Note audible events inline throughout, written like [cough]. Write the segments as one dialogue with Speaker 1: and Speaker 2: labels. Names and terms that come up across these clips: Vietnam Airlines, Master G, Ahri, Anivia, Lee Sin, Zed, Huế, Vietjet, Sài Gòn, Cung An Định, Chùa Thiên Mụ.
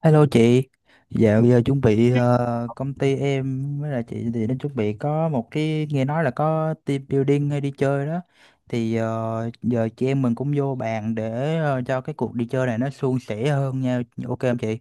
Speaker 1: Hello chị, dạo giờ chuẩn bị công ty em với là chị thì nó chuẩn bị có một cái nghe nói là có team building hay đi chơi đó. Thì giờ chị em mình cũng vô bàn để cho cái cuộc đi chơi này nó suôn sẻ hơn nha, ok không chị?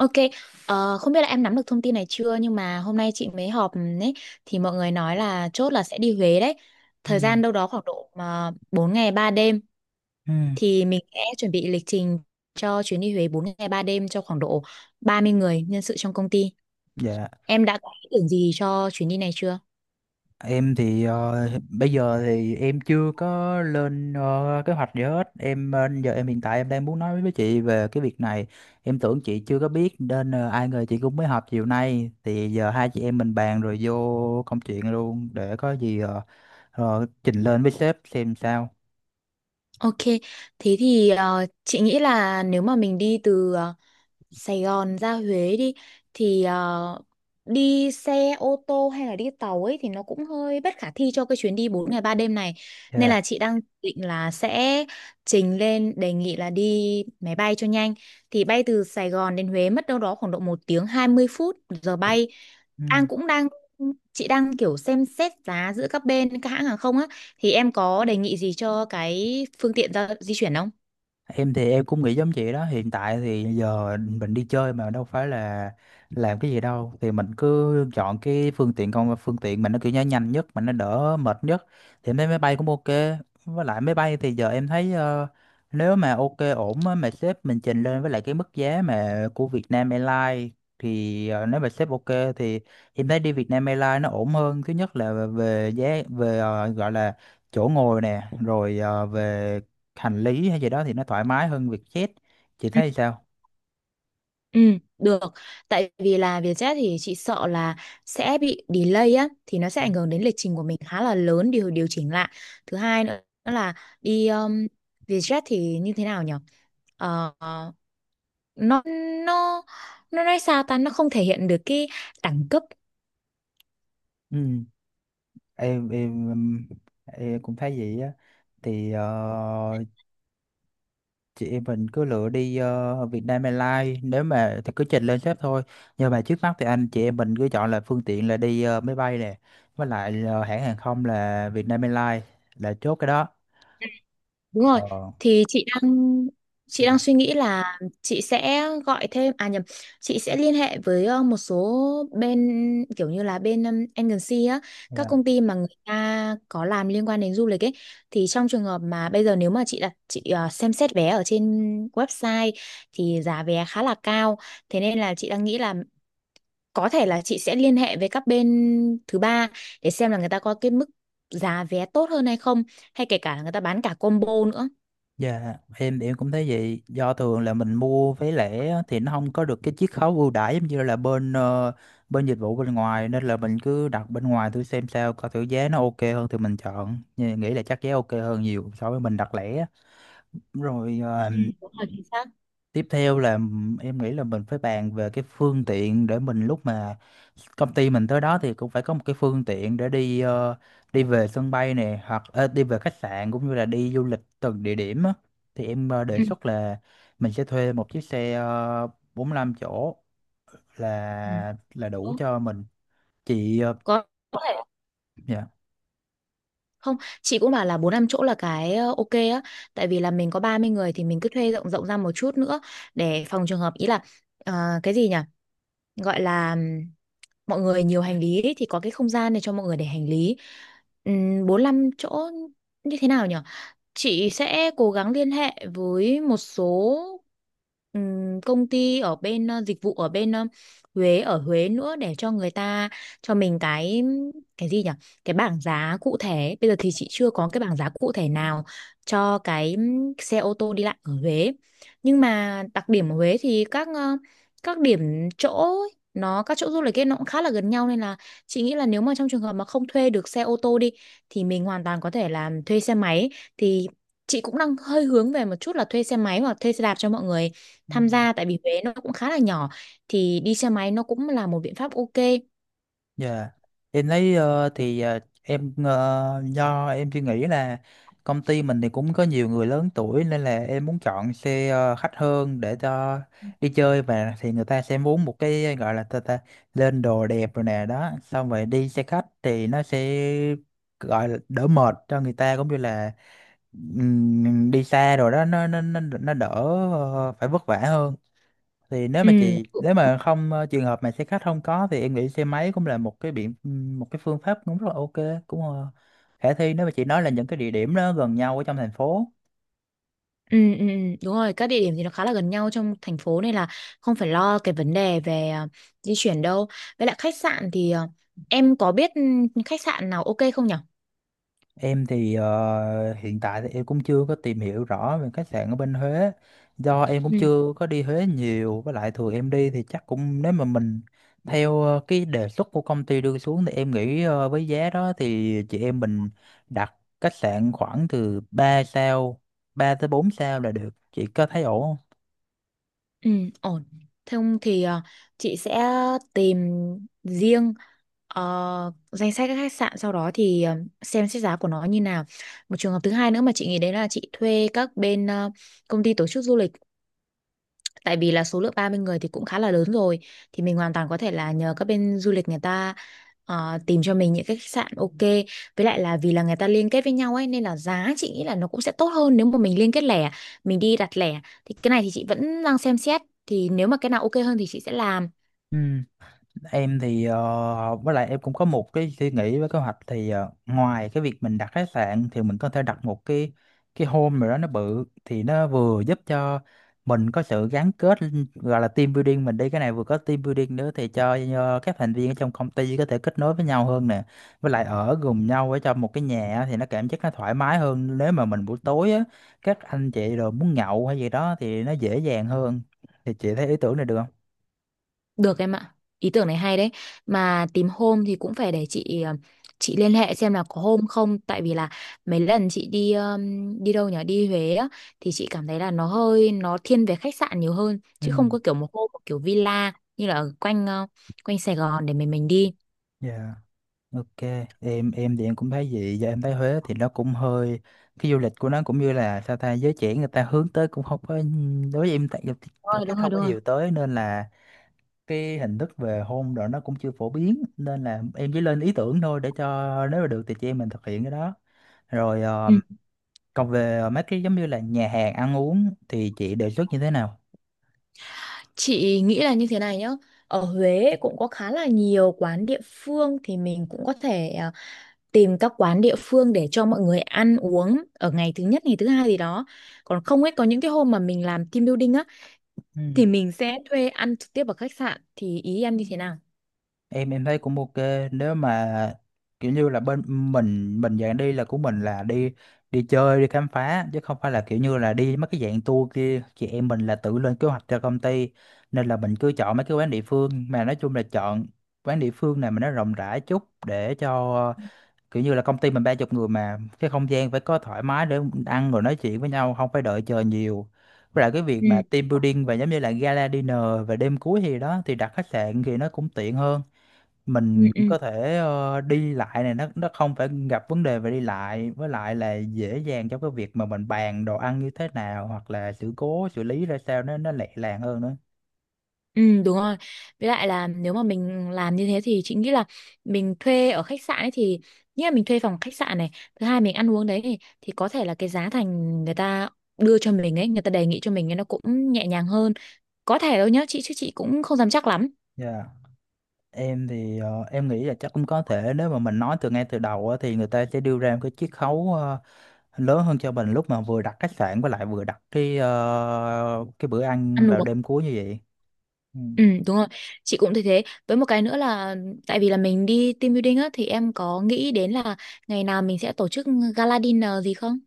Speaker 2: Ok, không biết là em nắm được thông tin này chưa nhưng mà hôm nay chị mới họp ấy thì mọi người nói là chốt là sẽ đi Huế đấy. Thời
Speaker 1: Ừ.
Speaker 2: gian đâu đó khoảng độ mà 4 ngày 3 đêm
Speaker 1: Ừ.
Speaker 2: thì mình sẽ chuẩn bị lịch trình cho chuyến đi Huế 4 ngày 3 đêm cho khoảng độ 30 người nhân sự trong công ty.
Speaker 1: Dạ.
Speaker 2: Em đã có ý tưởng gì cho chuyến đi này chưa?
Speaker 1: Em thì bây giờ thì em chưa có lên kế hoạch gì hết. Giờ em hiện tại em đang muốn nói với chị về cái việc này. Em tưởng chị chưa có biết nên ai ngờ chị cũng mới họp chiều nay. Thì giờ hai chị em mình bàn rồi vô công chuyện luôn để có gì trình lên với sếp xem sao.
Speaker 2: Ok, thế thì chị nghĩ là nếu mà mình đi từ Sài Gòn ra Huế đi thì đi xe ô tô hay là đi tàu ấy thì nó cũng hơi bất khả thi cho cái chuyến đi 4 ngày 3 đêm này. Nên
Speaker 1: Dạ.
Speaker 2: là chị đang định là sẽ trình lên đề nghị là đi máy bay cho nhanh. Thì bay từ Sài Gòn đến Huế mất đâu đó khoảng độ 1 tiếng 20 phút giờ bay.
Speaker 1: Ừ.
Speaker 2: An cũng đang chị đang kiểu xem xét giá giữa các bên các hãng hàng không á thì em có đề nghị gì cho cái phương tiện giao di chuyển không?
Speaker 1: Em thì em cũng nghĩ giống chị đó, hiện tại thì giờ mình đi chơi mà đâu phải là làm cái gì đâu, thì mình cứ chọn cái phương tiện mình nó kiểu như nhanh nhất mà nó đỡ mệt nhất, thì em thấy máy bay cũng ok. Với lại máy bay thì giờ em thấy nếu mà ok ổn á, mà sếp mình trình lên với lại cái mức giá mà của Vietnam Airlines thì nếu mà sếp ok thì em thấy đi Vietnam Airlines nó ổn hơn. Thứ nhất là về giá, về gọi là chỗ ngồi nè, rồi về hành lý hay gì đó thì nó thoải mái hơn Vietjet. Chị thấy sao?
Speaker 2: Ừ, được. Tại vì là Vietjet thì chị sợ là sẽ bị delay á, thì nó sẽ ảnh hưởng đến lịch trình của mình khá là lớn điều điều chỉnh lại. Thứ hai nữa là đi Vietjet thì như thế nào nhỉ? Ờ, nó nó nó nói sao ta nó không thể hiện được cái đẳng cấp.
Speaker 1: Ừ. em em em em cũng thấy vậy á. Thì chị em mình cứ lựa đi Vietnam Airlines, nếu mà thì cứ trình lên sếp thôi. Nhưng mà trước mắt thì anh chị em mình cứ chọn là phương tiện là đi máy bay nè, với lại hãng hàng không là Vietnam Airlines, là chốt cái đó.
Speaker 2: Đúng rồi, thì chị đang suy nghĩ là chị sẽ gọi thêm à nhầm, chị sẽ liên hệ với một số bên kiểu như là bên agency á, các
Speaker 1: Còn
Speaker 2: công ty mà người ta có làm liên quan đến du lịch ấy thì trong trường hợp mà bây giờ nếu mà chị xem xét vé ở trên website thì giá vé khá là cao, thế nên là chị đang nghĩ là có thể là chị sẽ liên hệ với các bên thứ ba để xem là người ta có cái mức giá vé tốt hơn hay không hay kể cả là người ta bán cả combo nữa.
Speaker 1: dạ, em cũng thấy vậy. Do thường là mình mua vé lẻ á, thì nó không có được cái chiết khấu ưu đãi giống như là bên bên dịch vụ bên ngoài, nên là mình cứ đặt bên ngoài thử xem sao, coi thử giá nó ok hơn thì mình chọn. Nhưng nghĩ là chắc giá ok hơn nhiều so với mình đặt lẻ á. Rồi
Speaker 2: Ừ, đúng rồi, chính xác.
Speaker 1: tiếp theo là em nghĩ là mình phải bàn về cái phương tiện để mình lúc mà công ty mình tới đó thì cũng phải có một cái phương tiện để đi đi về sân bay này, hoặc đi về khách sạn, cũng như là đi du lịch từng địa điểm á. Thì em đề
Speaker 2: Ừ.
Speaker 1: xuất là mình sẽ thuê một chiếc xe 45 chỗ
Speaker 2: Ừ.
Speaker 1: là đủ
Speaker 2: Đúng.
Speaker 1: cho mình. Chị ờ,
Speaker 2: có có thể không, chị cũng bảo là 45 chỗ là cái ok á, tại vì là mình có 30 người thì mình cứ thuê rộng rộng ra một chút nữa để phòng trường hợp ý là, ờ, cái gì nhỉ, gọi là, mọi người nhiều hành lý ấy, thì có cái không gian này cho mọi người để hành lý. 45 chỗ như thế nào nhỉ, chị sẽ cố gắng liên hệ với một số công ty ở bên dịch vụ ở bên Huế ở Huế nữa để cho người ta cho mình cái gì nhỉ, cái bảng giá cụ thể, bây giờ thì chị chưa có cái bảng giá cụ thể nào cho cái xe ô tô đi lại ở Huế. Nhưng mà đặc điểm ở Huế thì các các điểm chỗ, các chỗ du lịch ấy nó cũng khá là gần nhau nên là chị nghĩ là nếu mà trong trường hợp mà không thuê được xe ô tô đi thì mình hoàn toàn có thể là thuê xe máy. Thì chị cũng đang hơi hướng về một chút là thuê xe máy hoặc thuê xe đạp cho mọi người
Speaker 1: dạ.
Speaker 2: tham gia, tại vì Huế nó cũng khá là nhỏ thì đi xe máy nó cũng là một biện pháp ok.
Speaker 1: Dạ, em thấy thì em do em suy nghĩ là công ty mình thì cũng có nhiều người lớn tuổi, nên là em muốn chọn xe khách hơn để cho đi chơi. Và thì người ta sẽ muốn một cái gọi là ta lên đồ đẹp rồi nè đó, xong rồi đi xe khách thì nó sẽ gọi là đỡ mệt cho người ta, cũng như là đi xa rồi đó nó đỡ phải vất vả hơn. Thì nếu mà
Speaker 2: ừ
Speaker 1: không trường hợp mà xe khách không có thì em nghĩ xe máy cũng là một cái phương pháp cũng rất là ok, cũng khả thi, nếu mà chị nói là những cái địa điểm đó gần nhau ở trong thành phố.
Speaker 2: Ừ, ừ, ừ, đúng rồi, các địa điểm thì nó khá là gần nhau trong thành phố nên là không phải lo cái vấn đề về di chuyển đâu. Với lại khách sạn thì, em có biết khách sạn nào ok không nhở?
Speaker 1: Em thì hiện tại thì em cũng chưa có tìm hiểu rõ về khách sạn ở bên Huế, do em cũng chưa có đi Huế nhiều. Với lại thường em đi thì chắc cũng, nếu mà mình theo cái đề xuất của công ty đưa xuống thì em nghĩ với giá đó thì chị em mình đặt khách sạn khoảng từ 3 sao, 3 tới 4 sao là được. Chị có thấy ổn không?
Speaker 2: Ừ, ổn. Thế không thì chị sẽ tìm riêng danh sách các khách sạn, sau đó thì xem xét giá của nó như nào. Một trường hợp thứ hai nữa mà chị nghĩ đấy là chị thuê các bên công ty tổ chức du lịch, tại vì là số lượng 30 người thì cũng khá là lớn rồi thì mình hoàn toàn có thể là nhờ các bên du lịch người ta tìm cho mình những cái khách sạn ok, với lại là vì là người ta liên kết với nhau ấy nên là giá chị nghĩ là nó cũng sẽ tốt hơn nếu mà mình liên kết lẻ, mình đi đặt lẻ. Thì cái này thì chị vẫn đang xem xét, thì nếu mà cái nào ok hơn thì chị sẽ làm.
Speaker 1: Ừ. Em thì với lại em cũng có một cái suy nghĩ với kế hoạch thì ngoài cái việc mình đặt khách sạn thì mình có thể đặt một cái home rồi đó nó bự, thì nó vừa giúp cho mình có sự gắn kết, gọi là team building. Mình đi cái này vừa có team building nữa, thì cho các thành viên ở trong công ty có thể kết nối với nhau hơn nè. Với lại ở cùng nhau ở trong một cái nhà á, thì nó cảm giác nó thoải mái hơn. Nếu mà mình buổi tối á, các anh chị rồi muốn nhậu hay gì đó thì nó dễ dàng hơn. Thì chị thấy ý tưởng này được không?
Speaker 2: Được em ạ, ý tưởng này hay đấy. Mà tìm hôm thì cũng phải để chị chị liên hệ xem là có hôm không, tại vì là mấy lần chị đi đi đâu nhỉ, đi Huế á, thì chị cảm thấy là nó hơi, nó thiên về khách sạn nhiều hơn
Speaker 1: Ừ,
Speaker 2: chứ không có kiểu một hôm, một kiểu villa như là ở quanh quanh Sài Gòn để mình đi.
Speaker 1: dạ. Ok, em thì em cũng thấy vậy. Giờ em thấy Huế thì nó cũng hơi, cái du lịch của nó cũng như là sao ta, giới trẻ người ta hướng tới cũng không có, đối với em tại
Speaker 2: Đúng
Speaker 1: cảm
Speaker 2: rồi,
Speaker 1: thấy
Speaker 2: đúng rồi,
Speaker 1: không có
Speaker 2: đúng rồi.
Speaker 1: nhiều tới, nên là cái hình thức về hôn rồi nó cũng chưa phổ biến, nên là em chỉ lên ý tưởng thôi, để cho nếu mà được thì chị em mình thực hiện cái đó. Rồi
Speaker 2: Ừ.
Speaker 1: còn về mấy cái giống như là nhà hàng ăn uống thì chị đề xuất như thế nào?
Speaker 2: Chị nghĩ là như thế này nhá. Ở Huế cũng có khá là nhiều quán địa phương thì mình cũng có thể tìm các quán địa phương để cho mọi người ăn uống ở ngày thứ nhất, ngày thứ hai gì đó, còn không ấy có những cái hôm mà mình làm team building á thì mình sẽ thuê ăn trực tiếp ở khách sạn. Thì ý em như thế nào?
Speaker 1: Em thấy cũng ok. Nếu mà kiểu như là bên mình dạng đi là của mình là đi đi chơi đi khám phá, chứ không phải là kiểu như là đi mấy cái dạng tour kia, chị em mình là tự lên kế hoạch cho công ty, nên là mình cứ chọn mấy cái quán địa phương. Mà nói chung là chọn quán địa phương này mà nó rộng rãi chút, để cho kiểu như là công ty mình 30 người mà cái không gian phải có thoải mái để ăn rồi nói chuyện với nhau, không phải đợi chờ nhiều. Với lại cái việc
Speaker 2: Ừ,
Speaker 1: mà team building và giống như là gala dinner và đêm cuối thì đó, thì đặt khách sạn thì nó cũng tiện hơn.
Speaker 2: ừ,
Speaker 1: Mình
Speaker 2: ừ.
Speaker 1: có thể đi lại này, nó không phải gặp vấn đề về đi lại, với lại là dễ dàng cho cái việc mà mình bàn đồ ăn như thế nào, hoặc là sự cố xử lý ra sao, nó lẹ làng hơn nữa.
Speaker 2: Ừ, đúng rồi. Với lại là nếu mà mình làm như thế thì chị nghĩ là mình thuê ở khách sạn ấy thì, nghĩa là mình thuê phòng khách sạn này, thứ hai mình ăn uống đấy, thì có thể là cái giá thành người ta đưa cho mình ấy, người ta đề nghị cho mình ấy nó cũng nhẹ nhàng hơn. Có thể đâu nhá chị, chứ chị cũng không dám chắc lắm.
Speaker 1: Dạ. Em thì em nghĩ là chắc cũng có thể, nếu mà mình nói từ ngay từ đầu á, thì người ta sẽ đưa ra một cái chiết khấu lớn hơn cho mình, lúc mà vừa đặt khách sạn với lại vừa đặt cái bữa ăn
Speaker 2: Ăn
Speaker 1: vào
Speaker 2: uống
Speaker 1: đêm cuối như vậy. Ừ.
Speaker 2: Ừ, đúng rồi, chị cũng thấy thế. Với một cái nữa là, tại vì là mình đi team building á thì em có nghĩ đến là ngày nào mình sẽ tổ chức gala dinner gì không?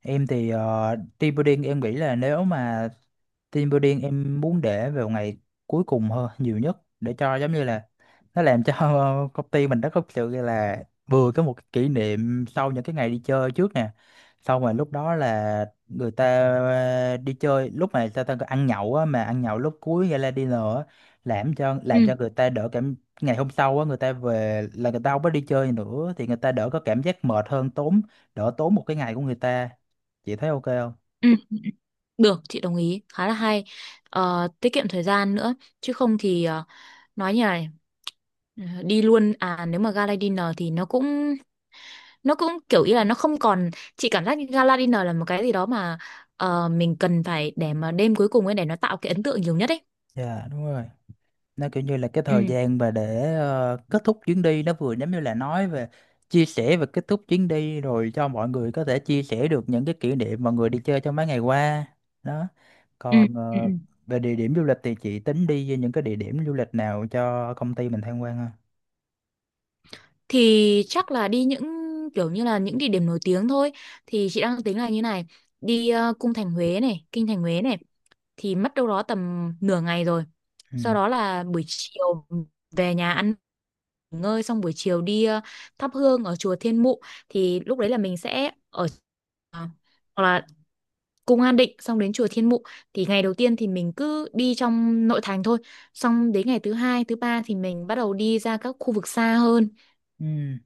Speaker 1: Em thì team building em nghĩ là nếu mà, team building em muốn để vào ngày cuối cùng hơn nhiều nhất, để cho giống như là nó làm cho [laughs] công ty mình nó có sự là vừa có một cái kỷ niệm sau những cái ngày đi chơi trước nè. Xong rồi lúc đó là người ta đi chơi, lúc mà ta ta ăn nhậu á, mà ăn nhậu lúc cuối gala dinner á, làm cho
Speaker 2: Ừ,
Speaker 1: người ta đỡ cảm. Ngày hôm sau á người ta về là người ta không có đi chơi nữa, thì người ta đỡ có cảm giác mệt hơn, tốn, đỡ tốn một cái ngày của người ta. Chị thấy ok không?
Speaker 2: ừ, được, chị đồng ý, khá là hay. Ờ, tiết kiệm thời gian nữa chứ không thì nói như này, đi luôn à, nếu mà gala dinner thì nó cũng kiểu ý là nó không còn, chị cảm giác như gala dinner là một cái gì đó mà mình cần phải để mà đêm cuối cùng ấy để nó tạo cái ấn tượng nhiều nhất ấy.
Speaker 1: Dạ đúng rồi, nó kiểu như là cái thời
Speaker 2: Ừ.
Speaker 1: gian mà để kết thúc chuyến đi, nó vừa giống như là nói về chia sẻ và kết thúc chuyến đi rồi, cho mọi người có thể chia sẻ được những cái kỷ niệm mọi người đi chơi trong mấy ngày qua đó.
Speaker 2: Ừ,
Speaker 1: Còn
Speaker 2: ừ. Ừ.
Speaker 1: về địa điểm du lịch thì chị tính đi với những cái địa điểm du lịch nào cho công ty mình tham quan ha?
Speaker 2: Thì chắc là đi những kiểu như là những địa điểm nổi tiếng thôi. Thì chị đang tính là như này, đi cung thành Huế này, kinh thành Huế này, thì mất đâu đó tầm nửa ngày rồi,
Speaker 1: Ừ,
Speaker 2: sau đó là buổi chiều về nhà ăn nghỉ ngơi, xong buổi chiều đi thắp hương ở chùa Thiên Mụ. Thì lúc đấy là mình sẽ ở ờ, hoặc là cung An Định, xong đến chùa Thiên Mụ. Thì ngày đầu tiên thì mình cứ đi trong nội thành thôi, xong đến ngày thứ hai, thứ ba thì mình bắt đầu đi ra các khu vực xa hơn,
Speaker 1: ừ,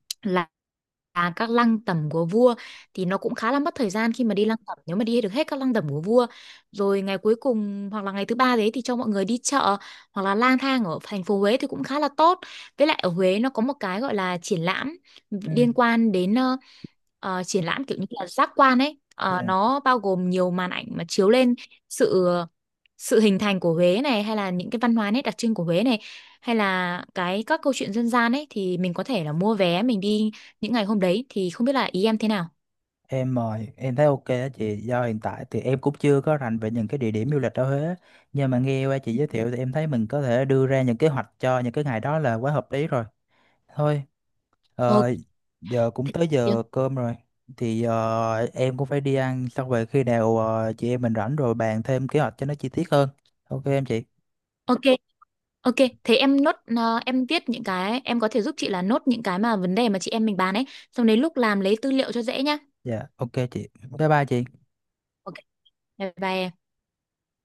Speaker 2: các lăng tẩm của vua, thì nó cũng khá là mất thời gian khi mà đi lăng tẩm nếu mà đi được hết các lăng tẩm của vua. Rồi ngày cuối cùng hoặc là ngày thứ ba đấy thì cho mọi người đi chợ hoặc là lang thang ở thành phố Huế thì cũng khá là tốt. Với lại ở Huế nó có một cái gọi là triển lãm
Speaker 1: ừ.
Speaker 2: liên quan đến triển lãm kiểu như là giác quan ấy.
Speaker 1: Dạ.
Speaker 2: Ờ, nó bao gồm nhiều màn ảnh mà chiếu lên sự sự hình thành của Huế này, hay là những cái văn hóa nét đặc trưng của Huế này, hay là cái các câu chuyện dân gian ấy, thì mình có thể là mua vé mình đi những ngày hôm đấy. Thì không biết là ý em thế nào?
Speaker 1: Em mời em thấy ok á chị, do hiện tại thì em cũng chưa có rành về những cái địa điểm du lịch ở Huế, nhưng mà nghe qua chị giới thiệu thì em thấy mình có thể đưa ra những kế hoạch cho những cái ngày đó là quá hợp lý rồi. Thôi,
Speaker 2: Ok.
Speaker 1: ờ, giờ cũng tới giờ cơm rồi. Thì em cũng phải đi ăn, xong về khi nào chị em mình rảnh rồi bàn thêm kế hoạch cho nó chi tiết hơn. Ok em chị.
Speaker 2: Ok. Ok, thế em nốt em viết những cái em có thể giúp chị là nốt những cái mà vấn đề mà chị em mình bàn ấy, xong đến lúc làm lấy tư liệu cho dễ nhá.
Speaker 1: Dạ, ok chị. Bye bye chị.
Speaker 2: Ok, bye bye em.